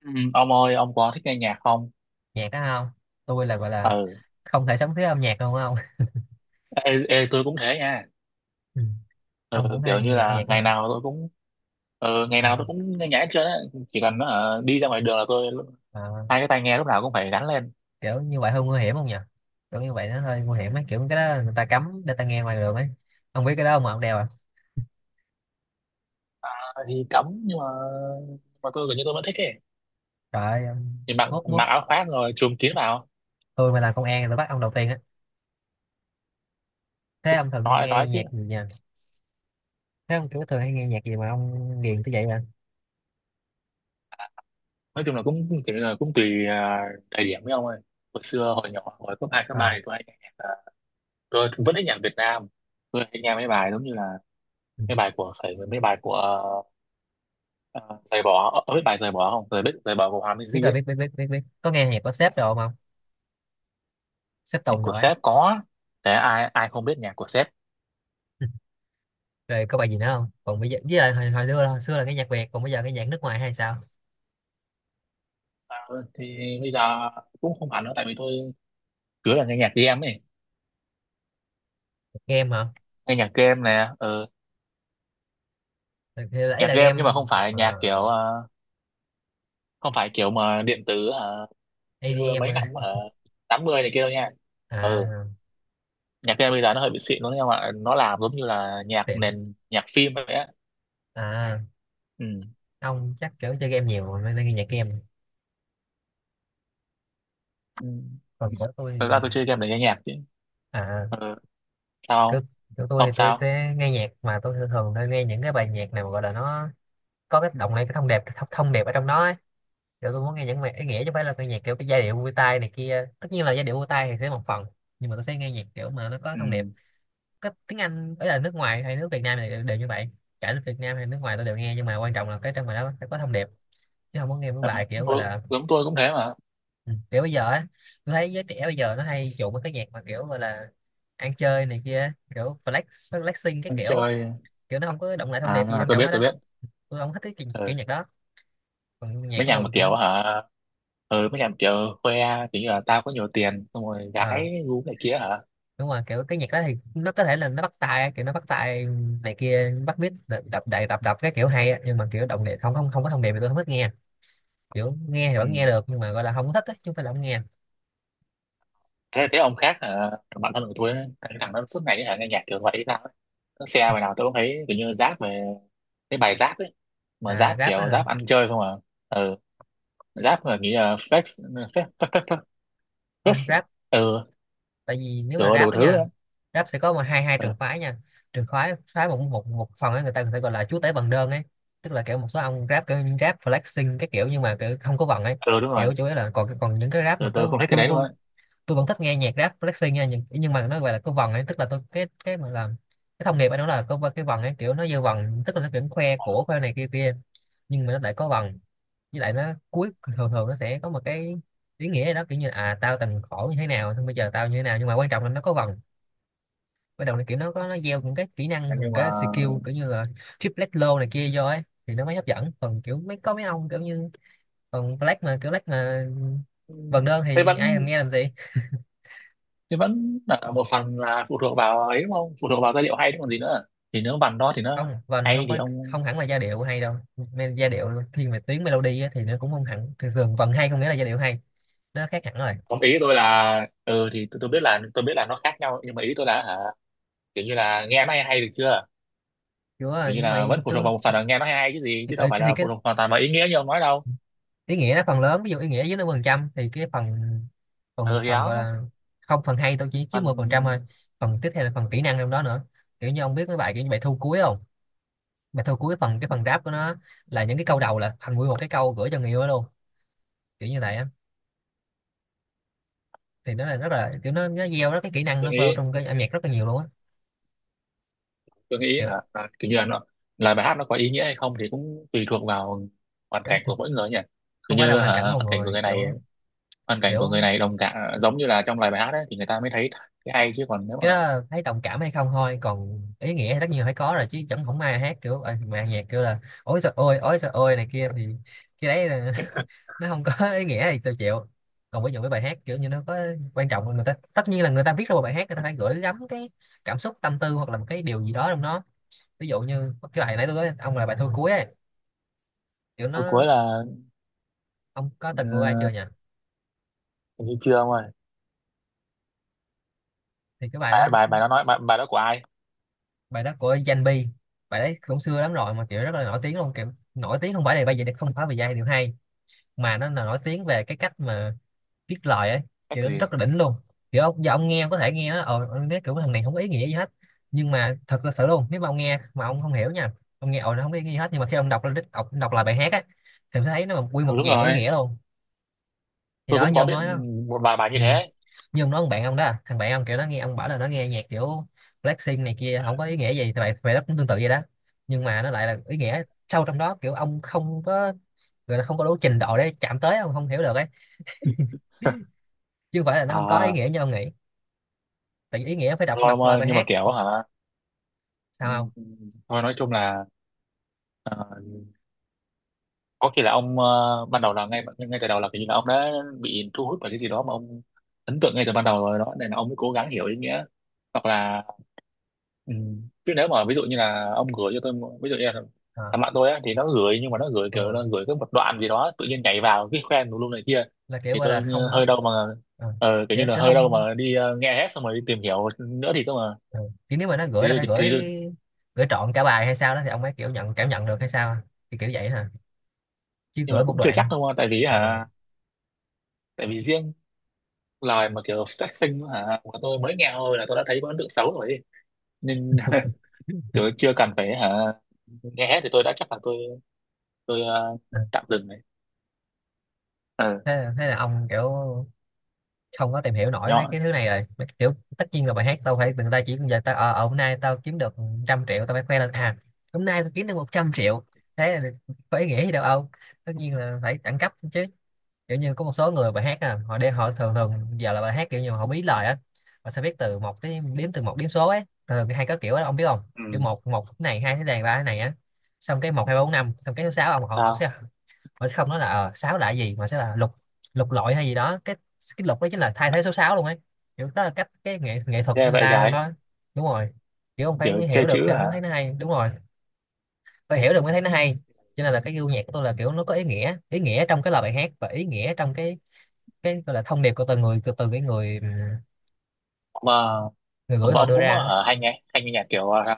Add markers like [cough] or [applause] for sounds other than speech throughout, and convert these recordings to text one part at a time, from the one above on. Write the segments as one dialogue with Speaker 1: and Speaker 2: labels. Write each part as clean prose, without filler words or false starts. Speaker 1: Ừ, ông ơi, ông có thích nghe nhạc không?
Speaker 2: Nhạc đó không? Tôi là gọi là
Speaker 1: Ừ.
Speaker 2: không thể sống thiếu âm nhạc luôn không. [laughs]
Speaker 1: Ê, tôi cũng thế nha.
Speaker 2: Ừ. Ông
Speaker 1: Ừ,
Speaker 2: cũng
Speaker 1: kiểu
Speaker 2: hay
Speaker 1: như
Speaker 2: nghe
Speaker 1: là
Speaker 2: nhạc đó
Speaker 1: ngày
Speaker 2: hả?
Speaker 1: nào tôi cũng... Ừ, ngày
Speaker 2: Ờ,
Speaker 1: nào tôi cũng nghe nhạc hết trơn á. Chỉ cần đi ra ngoài đường là tôi
Speaker 2: ờ,
Speaker 1: hai cái tai nghe lúc nào cũng phải gắn lên.
Speaker 2: kiểu như vậy hơi nguy hiểm không nhỉ? Kiểu như vậy nó hơi nguy hiểm ấy, kiểu cái đó người ta cấm để ta nghe ngoài đường ấy. Ông biết cái đó không mà ông đeo à?
Speaker 1: Ờ, thì cấm nhưng mà, nhưng mà tôi gần như tôi vẫn thích ấy.
Speaker 2: Trời ơi, ông-
Speaker 1: Thì mặc
Speaker 2: mốt mốt
Speaker 1: mặc áo khoác rồi chùm kín vào.
Speaker 2: tôi mà làm công an thì tôi bắt ông đầu tiên á. Thế ông thường hay
Speaker 1: nói
Speaker 2: nghe
Speaker 1: nói chứ.
Speaker 2: nhạc gì nhỉ? Thế ông kiểu thường hay nghe nhạc gì mà ông ghiền tới vậy à?
Speaker 1: Nói chung là cũng cũng kiểu là cũng tùy, thời điểm, với ông ơi. Hồi xưa hồi nhỏ hồi cấp hai cấp
Speaker 2: Ờ.
Speaker 1: ba thì tôi hay nghe nhạc, tôi vẫn thích nhạc Việt Nam. Tôi hay nghe mấy bài giống như là
Speaker 2: Ừ.
Speaker 1: mấy bài của, phải, mấy bài của... À, giày bó ở biết bài giày bỏ không giày biết giày bỏ của Hòa
Speaker 2: Biết
Speaker 1: Minzy
Speaker 2: rồi, biết
Speaker 1: ấy.
Speaker 2: biết biết biết biết, có nghe nhạc của sếp đồ không ông? Sếp
Speaker 1: Nhạc
Speaker 2: Tùng
Speaker 1: của
Speaker 2: rồi ấy.
Speaker 1: Sếp có. Thế ai ai không biết nhạc của Sếp.
Speaker 2: [laughs] Rồi có bài gì nữa không? Còn bây giờ với lại hồi xưa là nghe nhạc Việt, còn bây giờ cái nhạc nước ngoài hay sao?
Speaker 1: À, thì bây giờ cũng không hẳn đâu tại vì tôi cứ là nghe nhạc game ấy.
Speaker 2: Nghe hả?
Speaker 1: Nghe nhạc game nè. Ừ.
Speaker 2: Thì đấy
Speaker 1: Nhạc
Speaker 2: là
Speaker 1: game
Speaker 2: game.
Speaker 1: nhưng mà không
Speaker 2: ờ,
Speaker 1: phải
Speaker 2: ờ,
Speaker 1: nhạc kiểu, không phải kiểu mà điện tử, như
Speaker 2: ADM
Speaker 1: mấy
Speaker 2: á.
Speaker 1: năm ở 80 này kia đâu nha. Ừ.
Speaker 2: À,
Speaker 1: Nhạc game bây giờ nó hơi bị xịn luôn, nhưng mà nó làm giống như là nhạc
Speaker 2: tiệm.
Speaker 1: nền nhạc phim vậy á.
Speaker 2: À,
Speaker 1: Ừ.
Speaker 2: ông chắc kiểu chơi game nhiều nên nên nghe nhạc game.
Speaker 1: Ừ.
Speaker 2: Còn của tôi
Speaker 1: Thật ra
Speaker 2: thì-
Speaker 1: tôi chơi game để nghe nhạc chứ.
Speaker 2: à,
Speaker 1: Ừ.
Speaker 2: cứ
Speaker 1: Sao?
Speaker 2: của tôi
Speaker 1: Ông
Speaker 2: thì tôi
Speaker 1: sao?
Speaker 2: sẽ nghe nhạc mà tôi thường thường tôi nghe những cái bài nhạc nào mà gọi là nó có cái động này, cái thông đẹp ở trong đó ấy. Kiểu tôi muốn nghe những bài ý nghĩa chứ không phải là cái nhạc kiểu cái giai điệu vui tai này kia. Tất nhiên là giai điệu vui tai thì sẽ một phần, nhưng mà tôi sẽ nghe nhạc kiểu mà nó có
Speaker 1: Ừ.
Speaker 2: thông điệp. Có tiếng Anh ấy là nước ngoài hay nước Việt Nam này đều như vậy. Cả nước Việt Nam hay nước ngoài tôi đều nghe, nhưng mà quan trọng là cái trong bài đó phải có thông điệp, chứ không có nghe mấy
Speaker 1: À,
Speaker 2: bài kiểu gọi
Speaker 1: tôi,
Speaker 2: là.
Speaker 1: giống tôi cũng thế mà.
Speaker 2: Ừ, kiểu bây giờ á, tôi thấy giới trẻ bây giờ nó hay chuộng mấy cái nhạc mà kiểu gọi là ăn chơi này kia, kiểu flex, flexing cái
Speaker 1: Anh
Speaker 2: kiểu,
Speaker 1: chơi.
Speaker 2: kiểu nó không có động lại thông điệp gì
Speaker 1: À,
Speaker 2: quan
Speaker 1: tôi
Speaker 2: trọng
Speaker 1: biết,
Speaker 2: hết
Speaker 1: tôi
Speaker 2: á.
Speaker 1: biết.
Speaker 2: Tôi không thích cái kiểu,
Speaker 1: Ừ.
Speaker 2: kiểu nhạc đó. Còn nhạc
Speaker 1: Mấy
Speaker 2: của
Speaker 1: nhà mà
Speaker 2: tôi
Speaker 1: kiểu,
Speaker 2: cũng
Speaker 1: hả? Ừ, mấy nhà mà kiểu khoe kiểu như là tao có nhiều tiền xong rồi
Speaker 2: ờ
Speaker 1: gái gu này kia, hả.
Speaker 2: đúng rồi, kiểu cái nhạc đó thì nó có thể là nó bắt tai, kiểu nó bắt tai này kia, bắt beat đập đập đập đập, đập cái kiểu hay á, nhưng mà kiểu động điệp không không không có thông điệp thì tôi không thích nghe. Kiểu nghe thì vẫn nghe
Speaker 1: Ừ.
Speaker 2: được nhưng mà gọi là không có thích á, chứ không phải là không nghe.
Speaker 1: Thế ông khác hả, thằng bạn thân của tôi ấy, cái thằng nó suốt ngày hả, nghe nhạc kiểu vậy hay sao ấy. Nó xe bài nào tôi cũng thấy kiểu như rap về, cái bài rap ấy. Mà
Speaker 2: À
Speaker 1: rap
Speaker 2: rap á
Speaker 1: kiểu
Speaker 2: hả?
Speaker 1: rap ăn chơi không à. Ừ. Rap mà nghĩ là flex. Flex [laughs] flex.
Speaker 2: Không
Speaker 1: Flex.
Speaker 2: rap.
Speaker 1: Ừ.
Speaker 2: Tại vì nếu mà
Speaker 1: Kiểu
Speaker 2: rap
Speaker 1: đủ
Speaker 2: á
Speaker 1: thứ đó.
Speaker 2: nha, rap sẽ có mà hai hai
Speaker 1: Ừ.
Speaker 2: trường phái nha. Trường phái phái một một một phần ấy người ta sẽ gọi là chúa tể bằng đơn ấy. Tức là kiểu một số ông rap kiểu những rap flexing cái kiểu nhưng mà kiểu không có vần ấy.
Speaker 1: Ừ, đúng rồi.
Speaker 2: Kiểu chủ yếu là còn còn những cái rap mà
Speaker 1: Ừ, tôi
Speaker 2: cứ
Speaker 1: không thích cái
Speaker 2: tôi
Speaker 1: đấy luôn
Speaker 2: tôi
Speaker 1: á.
Speaker 2: tôi vẫn thích nghe nhạc rap flexing nha, nhưng mà nó gọi là có vần ấy, tức là tôi cái mà làm cái thông nghiệp ấy nó là có cái vần ấy, kiểu nó dư vần, tức là nó vẫn khoe của khoe này kia kia nhưng mà nó lại có vần. Với lại nó cuối, thường thường nó sẽ có một cái ý nghĩa gì đó, kiểu như là, à tao từng khổ như thế nào xong bây giờ tao như thế nào, nhưng mà quan trọng là nó có vần. Bắt đầu là kiểu nó có nó gieo những cái kỹ năng và
Speaker 1: Nhưng
Speaker 2: cái skill
Speaker 1: mà...
Speaker 2: kiểu như là triplet low này kia vô ấy, thì nó mới hấp dẫn. Còn kiểu mấy có mấy ông kiểu như còn black mà kiểu black mà
Speaker 1: Ừ.
Speaker 2: vần đơn
Speaker 1: Thế
Speaker 2: thì ai làm
Speaker 1: vẫn,
Speaker 2: nghe làm gì.
Speaker 1: thế vẫn là một phần là phụ thuộc vào ấy đúng không, phụ thuộc vào giai điệu hay chứ còn gì nữa. Thì nếu bản đó thì nó
Speaker 2: Không vần
Speaker 1: hay
Speaker 2: không
Speaker 1: thì
Speaker 2: có,
Speaker 1: ông...
Speaker 2: không hẳn là giai điệu hay đâu. Me- giai điệu thiên về tiếng melody á, thì nó cũng không hẳn, thường thường vần hay không nghĩa là giai điệu hay, nó khác hẳn rồi.
Speaker 1: Ông, ý tôi là, ừ thì tôi biết là tôi biết là nó khác nhau, nhưng mà ý tôi là hả, kiểu như là nghe nó hay hay được chưa.
Speaker 2: Kiểu
Speaker 1: Kiểu như
Speaker 2: như
Speaker 1: là vẫn
Speaker 2: vậy
Speaker 1: phụ thuộc
Speaker 2: tôi
Speaker 1: vào một
Speaker 2: thì,
Speaker 1: phần là nghe nó hay hay chứ gì,
Speaker 2: thì,
Speaker 1: chứ đâu phải
Speaker 2: thì,
Speaker 1: là
Speaker 2: cái
Speaker 1: phụ thuộc hoàn toàn vào ý nghĩa như ông nói đâu.
Speaker 2: ý nghĩa nó phần lớn, ví dụ ý nghĩa dưới 50% thì cái phần
Speaker 1: Ừ
Speaker 2: phần
Speaker 1: thì
Speaker 2: phần gọi
Speaker 1: đó.
Speaker 2: là không phần hay tôi chỉ chiếm 10% thôi.
Speaker 1: Phần...
Speaker 2: Phần tiếp theo là phần kỹ năng trong đó nữa. Kiểu như ông biết mấy bài kiểu như bài thu cuối không? Bài thu cuối phần cái phần rap của nó là những cái câu đầu là thành nguyên một cái câu gửi cho người yêu đó luôn, kiểu như vậy á. Thì nó là rất là kiểu nó gieo rất cái kỹ năng
Speaker 1: tôi
Speaker 2: nó vào
Speaker 1: nghĩ
Speaker 2: trong cái âm nhạc rất là nhiều luôn á
Speaker 1: tôi nghĩ
Speaker 2: kiểu
Speaker 1: hả, là kiểu như là nó, là bài hát nó có ý nghĩa hay không thì cũng tùy thuộc vào hoàn
Speaker 2: đó,
Speaker 1: cảnh
Speaker 2: thì
Speaker 1: của mỗi người nhỉ.
Speaker 2: không
Speaker 1: Kiểu
Speaker 2: phải là
Speaker 1: như
Speaker 2: hoàn
Speaker 1: hả,
Speaker 2: cảnh
Speaker 1: hoàn
Speaker 2: mọi
Speaker 1: cảnh của
Speaker 2: người,
Speaker 1: người này,
Speaker 2: kiểu
Speaker 1: hoàn cảnh của người
Speaker 2: kiểu
Speaker 1: này đồng cảm giống như là trong lời bài hát ấy thì người ta mới thấy cái hay, chứ còn nếu
Speaker 2: cái
Speaker 1: mà...
Speaker 2: đó thấy đồng cảm hay không thôi, còn ý nghĩa thì tất nhiên là phải có rồi, chứ chẳng không ai hát kiểu mà nhạc kêu là ối trời ôi này kia thì cái đấy là, [laughs] nó không có ý nghĩa thì tôi chịu. Còn ví dụ cái bài hát kiểu như nó có, quan trọng là người ta, tất nhiên là người ta viết ra một bài hát người ta phải gửi gắm cái cảm xúc tâm tư hoặc là một cái điều gì đó trong nó. Ví dụ như cái bài nãy tôi nói ông là bài thôi cuối ấy, kiểu
Speaker 1: Câu
Speaker 2: nó
Speaker 1: cuối là,
Speaker 2: ông có từng nghe ai chưa
Speaker 1: ờ,
Speaker 2: nhỉ?
Speaker 1: hình như chưa, ông ơi.
Speaker 2: Thì cái bài
Speaker 1: bài
Speaker 2: đó,
Speaker 1: bài bài đó nói, bài đó của ai?
Speaker 2: bài đó của Danh Bi. Bài đấy cũng xưa lắm rồi mà kiểu rất là nổi tiếng luôn, kiểu nổi tiếng không phải là bây giờ, không phải vì giai điệu hay mà nó là nổi tiếng về cái cách mà viết lời ấy,
Speaker 1: Cách
Speaker 2: kiểu nó rất
Speaker 1: gì?
Speaker 2: là đỉnh luôn. Kiểu ông, giờ ông nghe, ông có thể nghe nó ông nói kiểu thằng này không có ý nghĩa gì hết, nhưng mà thật là sự luôn, nếu mà ông nghe mà ông không hiểu nha, ông nghe ồ nó không có ý nghĩa gì hết, nhưng mà khi ông đọc lên đọc lại bài hát á thì ông sẽ thấy nó quy
Speaker 1: Ừ,
Speaker 2: một
Speaker 1: đúng
Speaker 2: dàn ý
Speaker 1: rồi.
Speaker 2: nghĩa luôn. Thì
Speaker 1: Tôi
Speaker 2: đó
Speaker 1: cũng
Speaker 2: như
Speaker 1: có
Speaker 2: ông
Speaker 1: biết
Speaker 2: nói đó.
Speaker 1: một vài bài như
Speaker 2: Ừ.
Speaker 1: thế ấy.
Speaker 2: Như ông nói ông bạn ông đó, thằng bạn ông kiểu nó nghe, ông bảo là nó nghe nhạc kiểu Blackpink này kia không có ý nghĩa gì, thì vậy vậy đó cũng tương tự vậy đó. Nhưng mà nó lại là ý nghĩa sâu trong đó, kiểu ông không có, người ta không có đủ trình độ để chạm tới, ông không hiểu được ấy, chứ không phải là nó không có ý
Speaker 1: À.
Speaker 2: nghĩa như ông nghĩ. Tại vì ý nghĩa phải đọc
Speaker 1: Thôi ông
Speaker 2: đọc lại
Speaker 1: ơi,
Speaker 2: bài
Speaker 1: nhưng mà
Speaker 2: hát
Speaker 1: kiểu
Speaker 2: ông,
Speaker 1: hả...
Speaker 2: sao
Speaker 1: Ừ,
Speaker 2: không?
Speaker 1: thôi nói chung là, ờ, có khi là ông, ban đầu là ngay ngay từ đầu là kiểu như là ông đã bị thu hút bởi cái gì đó mà ông ấn tượng ngay từ ban đầu rồi đó, nên là ông mới cố gắng hiểu ý nghĩa, hoặc là... Ừ. Chứ nếu mà ví dụ như là ông gửi cho tôi ví dụ như là thằng
Speaker 2: à,
Speaker 1: bạn tôi á thì nó gửi, nhưng mà nó gửi kiểu
Speaker 2: ừ.
Speaker 1: nó gửi cái một đoạn gì đó tự nhiên nhảy vào cái khoen tùm lum này kia,
Speaker 2: Là kiểu
Speaker 1: thì
Speaker 2: gọi là
Speaker 1: tôi như
Speaker 2: không có.
Speaker 1: hơi đâu mà,
Speaker 2: à,
Speaker 1: kiểu như
Speaker 2: kiểu,
Speaker 1: là
Speaker 2: kiểu
Speaker 1: hơi đâu
Speaker 2: không.
Speaker 1: mà đi, nghe hết xong rồi đi tìm hiểu nữa thì cơ mà.
Speaker 2: Ừ. Kiểu nếu mà nó gửi là
Speaker 1: thì,
Speaker 2: phải
Speaker 1: thì,
Speaker 2: gửi
Speaker 1: thì
Speaker 2: gửi trọn cả bài hay sao đó thì ông ấy kiểu nhận cảm nhận được hay sao, thì kiểu vậy hả, chứ
Speaker 1: nhưng mà
Speaker 2: gửi một
Speaker 1: cũng chưa chắc
Speaker 2: đoạn.
Speaker 1: đâu mà, tại vì
Speaker 2: à,
Speaker 1: hả, tại vì riêng lời mà kiểu phát sinh hả của tôi mới nghe thôi là tôi đã thấy có ấn tượng xấu rồi ấy. Nên [laughs] kiểu chưa cần phải hả, nghe hết thì tôi đã chắc là tôi
Speaker 2: à.
Speaker 1: tạm dừng này. ờ
Speaker 2: Thế là ông kiểu không có tìm hiểu nổi mấy
Speaker 1: Nhỏ.
Speaker 2: cái thứ này rồi, mấy cái kiểu tất nhiên là bài hát tao phải, người ta chỉ giờ tao hôm nay tao kiếm được trăm triệu tao phải khoe lên à? Hôm nay tao kiếm được 100 triệu, thế là có ý nghĩa gì đâu ông? Tất nhiên là phải đẳng cấp chứ. Kiểu như có một số người bài hát, à, họ đi họ thường thường giờ là bài hát kiểu như họ bí lời á, họ sẽ viết từ một tới đếm từ một đếm số ấy, thường hay có kiểu đó ông biết không? Kiểu một một cái này, hai cái này, ba cái này á, xong cái một hai ba bốn năm, xong cái số sáu ông, họ họ
Speaker 1: Ừ.
Speaker 2: sẽ, họ sẽ không nói là ờ sáu là cái gì mà sẽ là lục, lục lọi hay gì đó, cái lục đó chính là thay thế số sáu luôn ấy. Kiểu đó là cách cái nghệ nghệ thuật của
Speaker 1: Ghê
Speaker 2: người
Speaker 1: vậy,
Speaker 2: ta trong
Speaker 1: trái.
Speaker 2: đó. Đúng rồi, kiểu ông phải
Speaker 1: Kiểu chơi
Speaker 2: hiểu được
Speaker 1: chữ
Speaker 2: thì ông
Speaker 1: hả.
Speaker 2: mới thấy nó hay. Đúng rồi, phải hiểu được mới thấy nó hay. Cho nên là cái gu nhạc của tôi là kiểu nó có ý nghĩa, ý nghĩa trong cái lời bài hát và ý nghĩa trong cái gọi là thông điệp của từng người, từ từ cái người
Speaker 1: mà
Speaker 2: người gửi
Speaker 1: mà
Speaker 2: họ
Speaker 1: ông
Speaker 2: đưa
Speaker 1: cũng
Speaker 2: ra á.
Speaker 1: hả, hay nghe nhạc kiểu,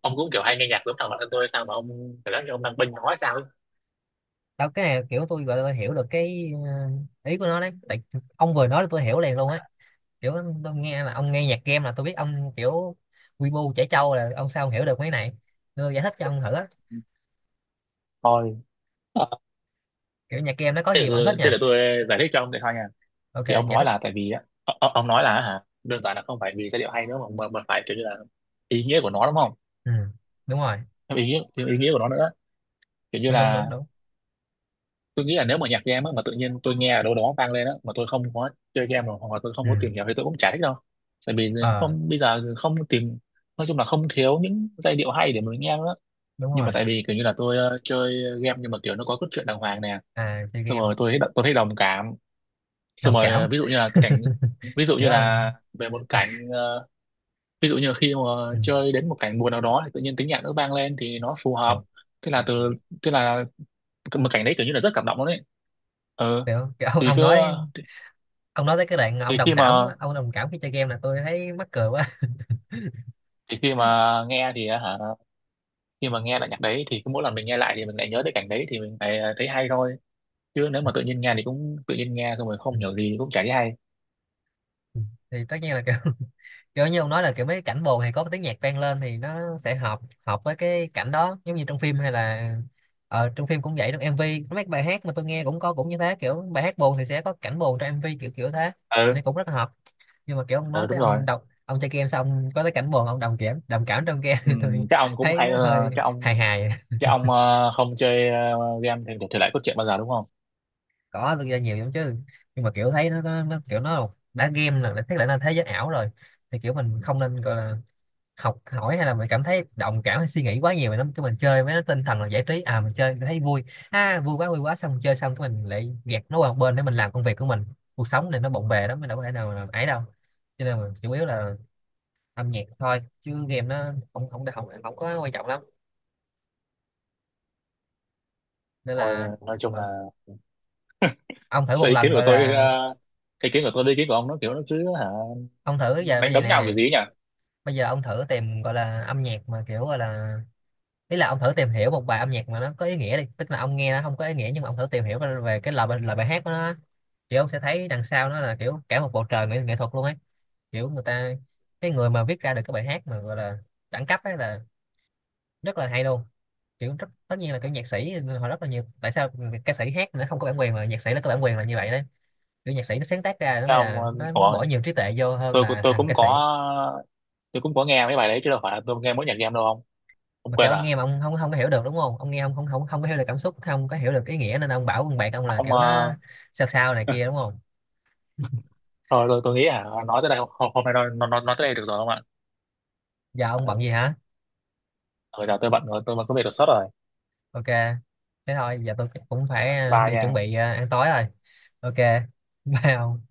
Speaker 1: ông cũng kiểu hay nghe nhạc giống thằng bạn thân tôi sao mà ông, kiểu lắm ông đang bênh nói sao ấy.
Speaker 2: Đó, cái này kiểu tôi gọi là tôi hiểu được cái ý của nó đấy. Tại ông vừa nói là tôi hiểu liền luôn ấy. Kiểu tôi nghe là ông nghe nhạc game là tôi biết ông kiểu quy bu trẻ trâu, là ông sao ông hiểu được mấy này. Tôi giải thích cho ông thử á,
Speaker 1: Thôi, ờ,
Speaker 2: kiểu nhạc game nó có
Speaker 1: thế để
Speaker 2: gì mà ông thích
Speaker 1: tôi, thế
Speaker 2: nha.
Speaker 1: để tôi giải thích cho ông để thôi nha.
Speaker 2: Ok,
Speaker 1: Thì ông
Speaker 2: giải
Speaker 1: nói
Speaker 2: thích.
Speaker 1: là tại vì á, ông nói là hả, đơn giản là không phải vì giai điệu hay nữa, mà mà phải kiểu như là ý nghĩa của nó đúng không.
Speaker 2: Ừ, đúng rồi.
Speaker 1: Ý nghĩa của nó nữa, kiểu như
Speaker 2: Đúng đúng đúng
Speaker 1: là,
Speaker 2: đúng.
Speaker 1: tôi nghĩ là nếu mà nhạc game á, mà tự nhiên tôi nghe ở đâu đó vang lên á mà tôi không có chơi game rồi, hoặc là tôi không
Speaker 2: Ừ.
Speaker 1: có tìm hiểu, thì tôi cũng chả thích đâu. Tại vì
Speaker 2: Ờ,
Speaker 1: không, bây giờ không tìm, nói chung là không thiếu những giai điệu hay để mình nghe nữa.
Speaker 2: đúng
Speaker 1: Nhưng mà
Speaker 2: rồi.
Speaker 1: tại vì kiểu như là tôi, chơi game nhưng mà kiểu nó có cốt truyện đàng hoàng nè.
Speaker 2: À, chơi
Speaker 1: Xong
Speaker 2: game.
Speaker 1: rồi tôi thấy đồng cảm. Xong
Speaker 2: Đồng
Speaker 1: rồi,
Speaker 2: cảm.
Speaker 1: ví dụ như là cái cảnh, ví dụ
Speaker 2: Kiểu
Speaker 1: như
Speaker 2: ông
Speaker 1: là về một cảnh,
Speaker 2: [laughs]
Speaker 1: ví dụ như khi mà
Speaker 2: ừ.
Speaker 1: chơi đến một cảnh buồn nào đó thì tự nhiên tiếng nhạc nó vang lên thì nó phù hợp. Thế là từ, thế là một cảnh đấy kiểu như là rất cảm động luôn đấy. Ừ,
Speaker 2: kiểu, kiểu
Speaker 1: thì cứ,
Speaker 2: ông nói tới cái đoạn ông
Speaker 1: thì khi
Speaker 2: đồng cảm,
Speaker 1: mà,
Speaker 2: ông đồng cảm khi chơi game là tôi thấy mắc cười quá. [laughs]
Speaker 1: thì khi mà nghe thì á hả, khi mà nghe lại nhạc đấy thì cứ mỗi lần mình nghe lại thì mình lại nhớ tới cảnh đấy thì mình lại à, thấy hay thôi. Chứ nếu mà tự nhiên nghe thì cũng tự nhiên nghe xong rồi
Speaker 2: Ừ.
Speaker 1: không hiểu gì cũng chả thấy hay.
Speaker 2: Ừ. Thì tất nhiên là kiểu [laughs] kiểu như ông nói là kiểu mấy cái cảnh buồn thì có tiếng nhạc vang lên thì nó sẽ hợp, hợp với cái cảnh đó, giống như trong phim hay là trong phim cũng vậy, trong MV mấy bài hát mà tôi nghe cũng có, cũng như thế. Kiểu bài hát buồn thì sẽ có cảnh buồn trong MV, kiểu kiểu thế thì nó
Speaker 1: Ừ.
Speaker 2: cũng rất là hợp. Nhưng mà kiểu ông
Speaker 1: Ừ,
Speaker 2: nói
Speaker 1: đúng
Speaker 2: tới
Speaker 1: rồi.
Speaker 2: ông đọc ông chơi game xong có tới cảnh buồn ông đồng cảm, đồng cảm trong game [laughs] thì
Speaker 1: Ừ,
Speaker 2: tôi
Speaker 1: chắc ông cũng
Speaker 2: thấy
Speaker 1: hay,
Speaker 2: nó hơi
Speaker 1: chắc
Speaker 2: hài
Speaker 1: ông,
Speaker 2: hài.
Speaker 1: chắc ông không chơi, game thì thể loại cốt truyện bao giờ đúng không.
Speaker 2: Có, tôi chơi nhiều lắm chứ, nhưng mà kiểu thấy nó kiểu nó đã game là đã thấy là thế giới ảo rồi, thì kiểu mình không nên gọi là học hỏi hay là mình cảm thấy đồng cảm hay suy nghĩ quá nhiều về nó. Cái mình chơi với nó tinh thần là giải trí à, mình chơi thấy vui ha, vui quá vui quá, xong mình chơi xong cái mình lại gạt nó qua một bên để mình làm công việc của mình. Cuộc sống này nó bộn bề lắm, mình đâu có thể nào mà ấy đâu. Cho nên mình chủ yếu là âm nhạc thôi, chứ game nó không không không, không có quan trọng lắm. Nên là
Speaker 1: Rồi nói chung là,
Speaker 2: ờ, ông thử
Speaker 1: sự
Speaker 2: một
Speaker 1: ý
Speaker 2: lần
Speaker 1: kiến của
Speaker 2: gọi
Speaker 1: tôi,
Speaker 2: là
Speaker 1: ý kiến của tôi với ý kiến của ông nó kiểu nó cứ hả,
Speaker 2: ông thử giờ, bây
Speaker 1: đánh
Speaker 2: giờ
Speaker 1: đấm nhau kiểu
Speaker 2: nè,
Speaker 1: gì ấy nhỉ.
Speaker 2: bây giờ ông thử tìm gọi là âm nhạc mà kiểu gọi là ý là ông thử tìm hiểu một bài âm nhạc mà nó có ý nghĩa đi, tức là ông nghe nó không có ý nghĩa nhưng mà ông thử tìm hiểu về cái lời bài hát của nó á. Thì ông sẽ thấy đằng sau nó là kiểu cả một bầu trời nghệ thuật luôn ấy. Kiểu người ta, cái người mà viết ra được cái bài hát mà gọi là đẳng cấp ấy là rất là hay luôn. Kiểu rất tất nhiên là kiểu nhạc sĩ họ rất là nhiều. Tại sao ca sĩ hát nó không có bản quyền mà nhạc sĩ nó có bản quyền là như vậy đấy. Kiểu nhạc sĩ nó sáng tác ra nó
Speaker 1: Thế
Speaker 2: mới
Speaker 1: ông,
Speaker 2: là nó
Speaker 1: ủa,
Speaker 2: bỏ nhiều trí tuệ vô hơn là
Speaker 1: tôi
Speaker 2: thằng
Speaker 1: cũng
Speaker 2: ca
Speaker 1: có,
Speaker 2: sĩ.
Speaker 1: tôi cũng có nghe mấy bài đấy chứ đâu phải là tôi nghe mỗi nhạc game đâu. Không, không
Speaker 2: Mà kiểu
Speaker 1: quên
Speaker 2: ông
Speaker 1: à.
Speaker 2: nghe mà ông không không có hiểu được, đúng không, ông nghe ông không không không có hiểu được cảm xúc, không có hiểu được ý nghĩa, nên ông bảo con bạn ông là
Speaker 1: Ông,
Speaker 2: kiểu nó sao sao này kia, đúng không? [laughs]
Speaker 1: thôi tôi nghĩ à, nói tới đây hôm, hôm nay nói tới đây được rồi không ạ?
Speaker 2: Giờ ông
Speaker 1: Ừ,
Speaker 2: bận gì hả?
Speaker 1: giờ tôi bận rồi, tôi mà có việc đột xuất rồi.
Speaker 2: Ok. Thế thôi, giờ tôi cũng phải
Speaker 1: Bye
Speaker 2: đi chuẩn
Speaker 1: nha.
Speaker 2: bị ăn tối rồi. Ok. [laughs] Bye ông.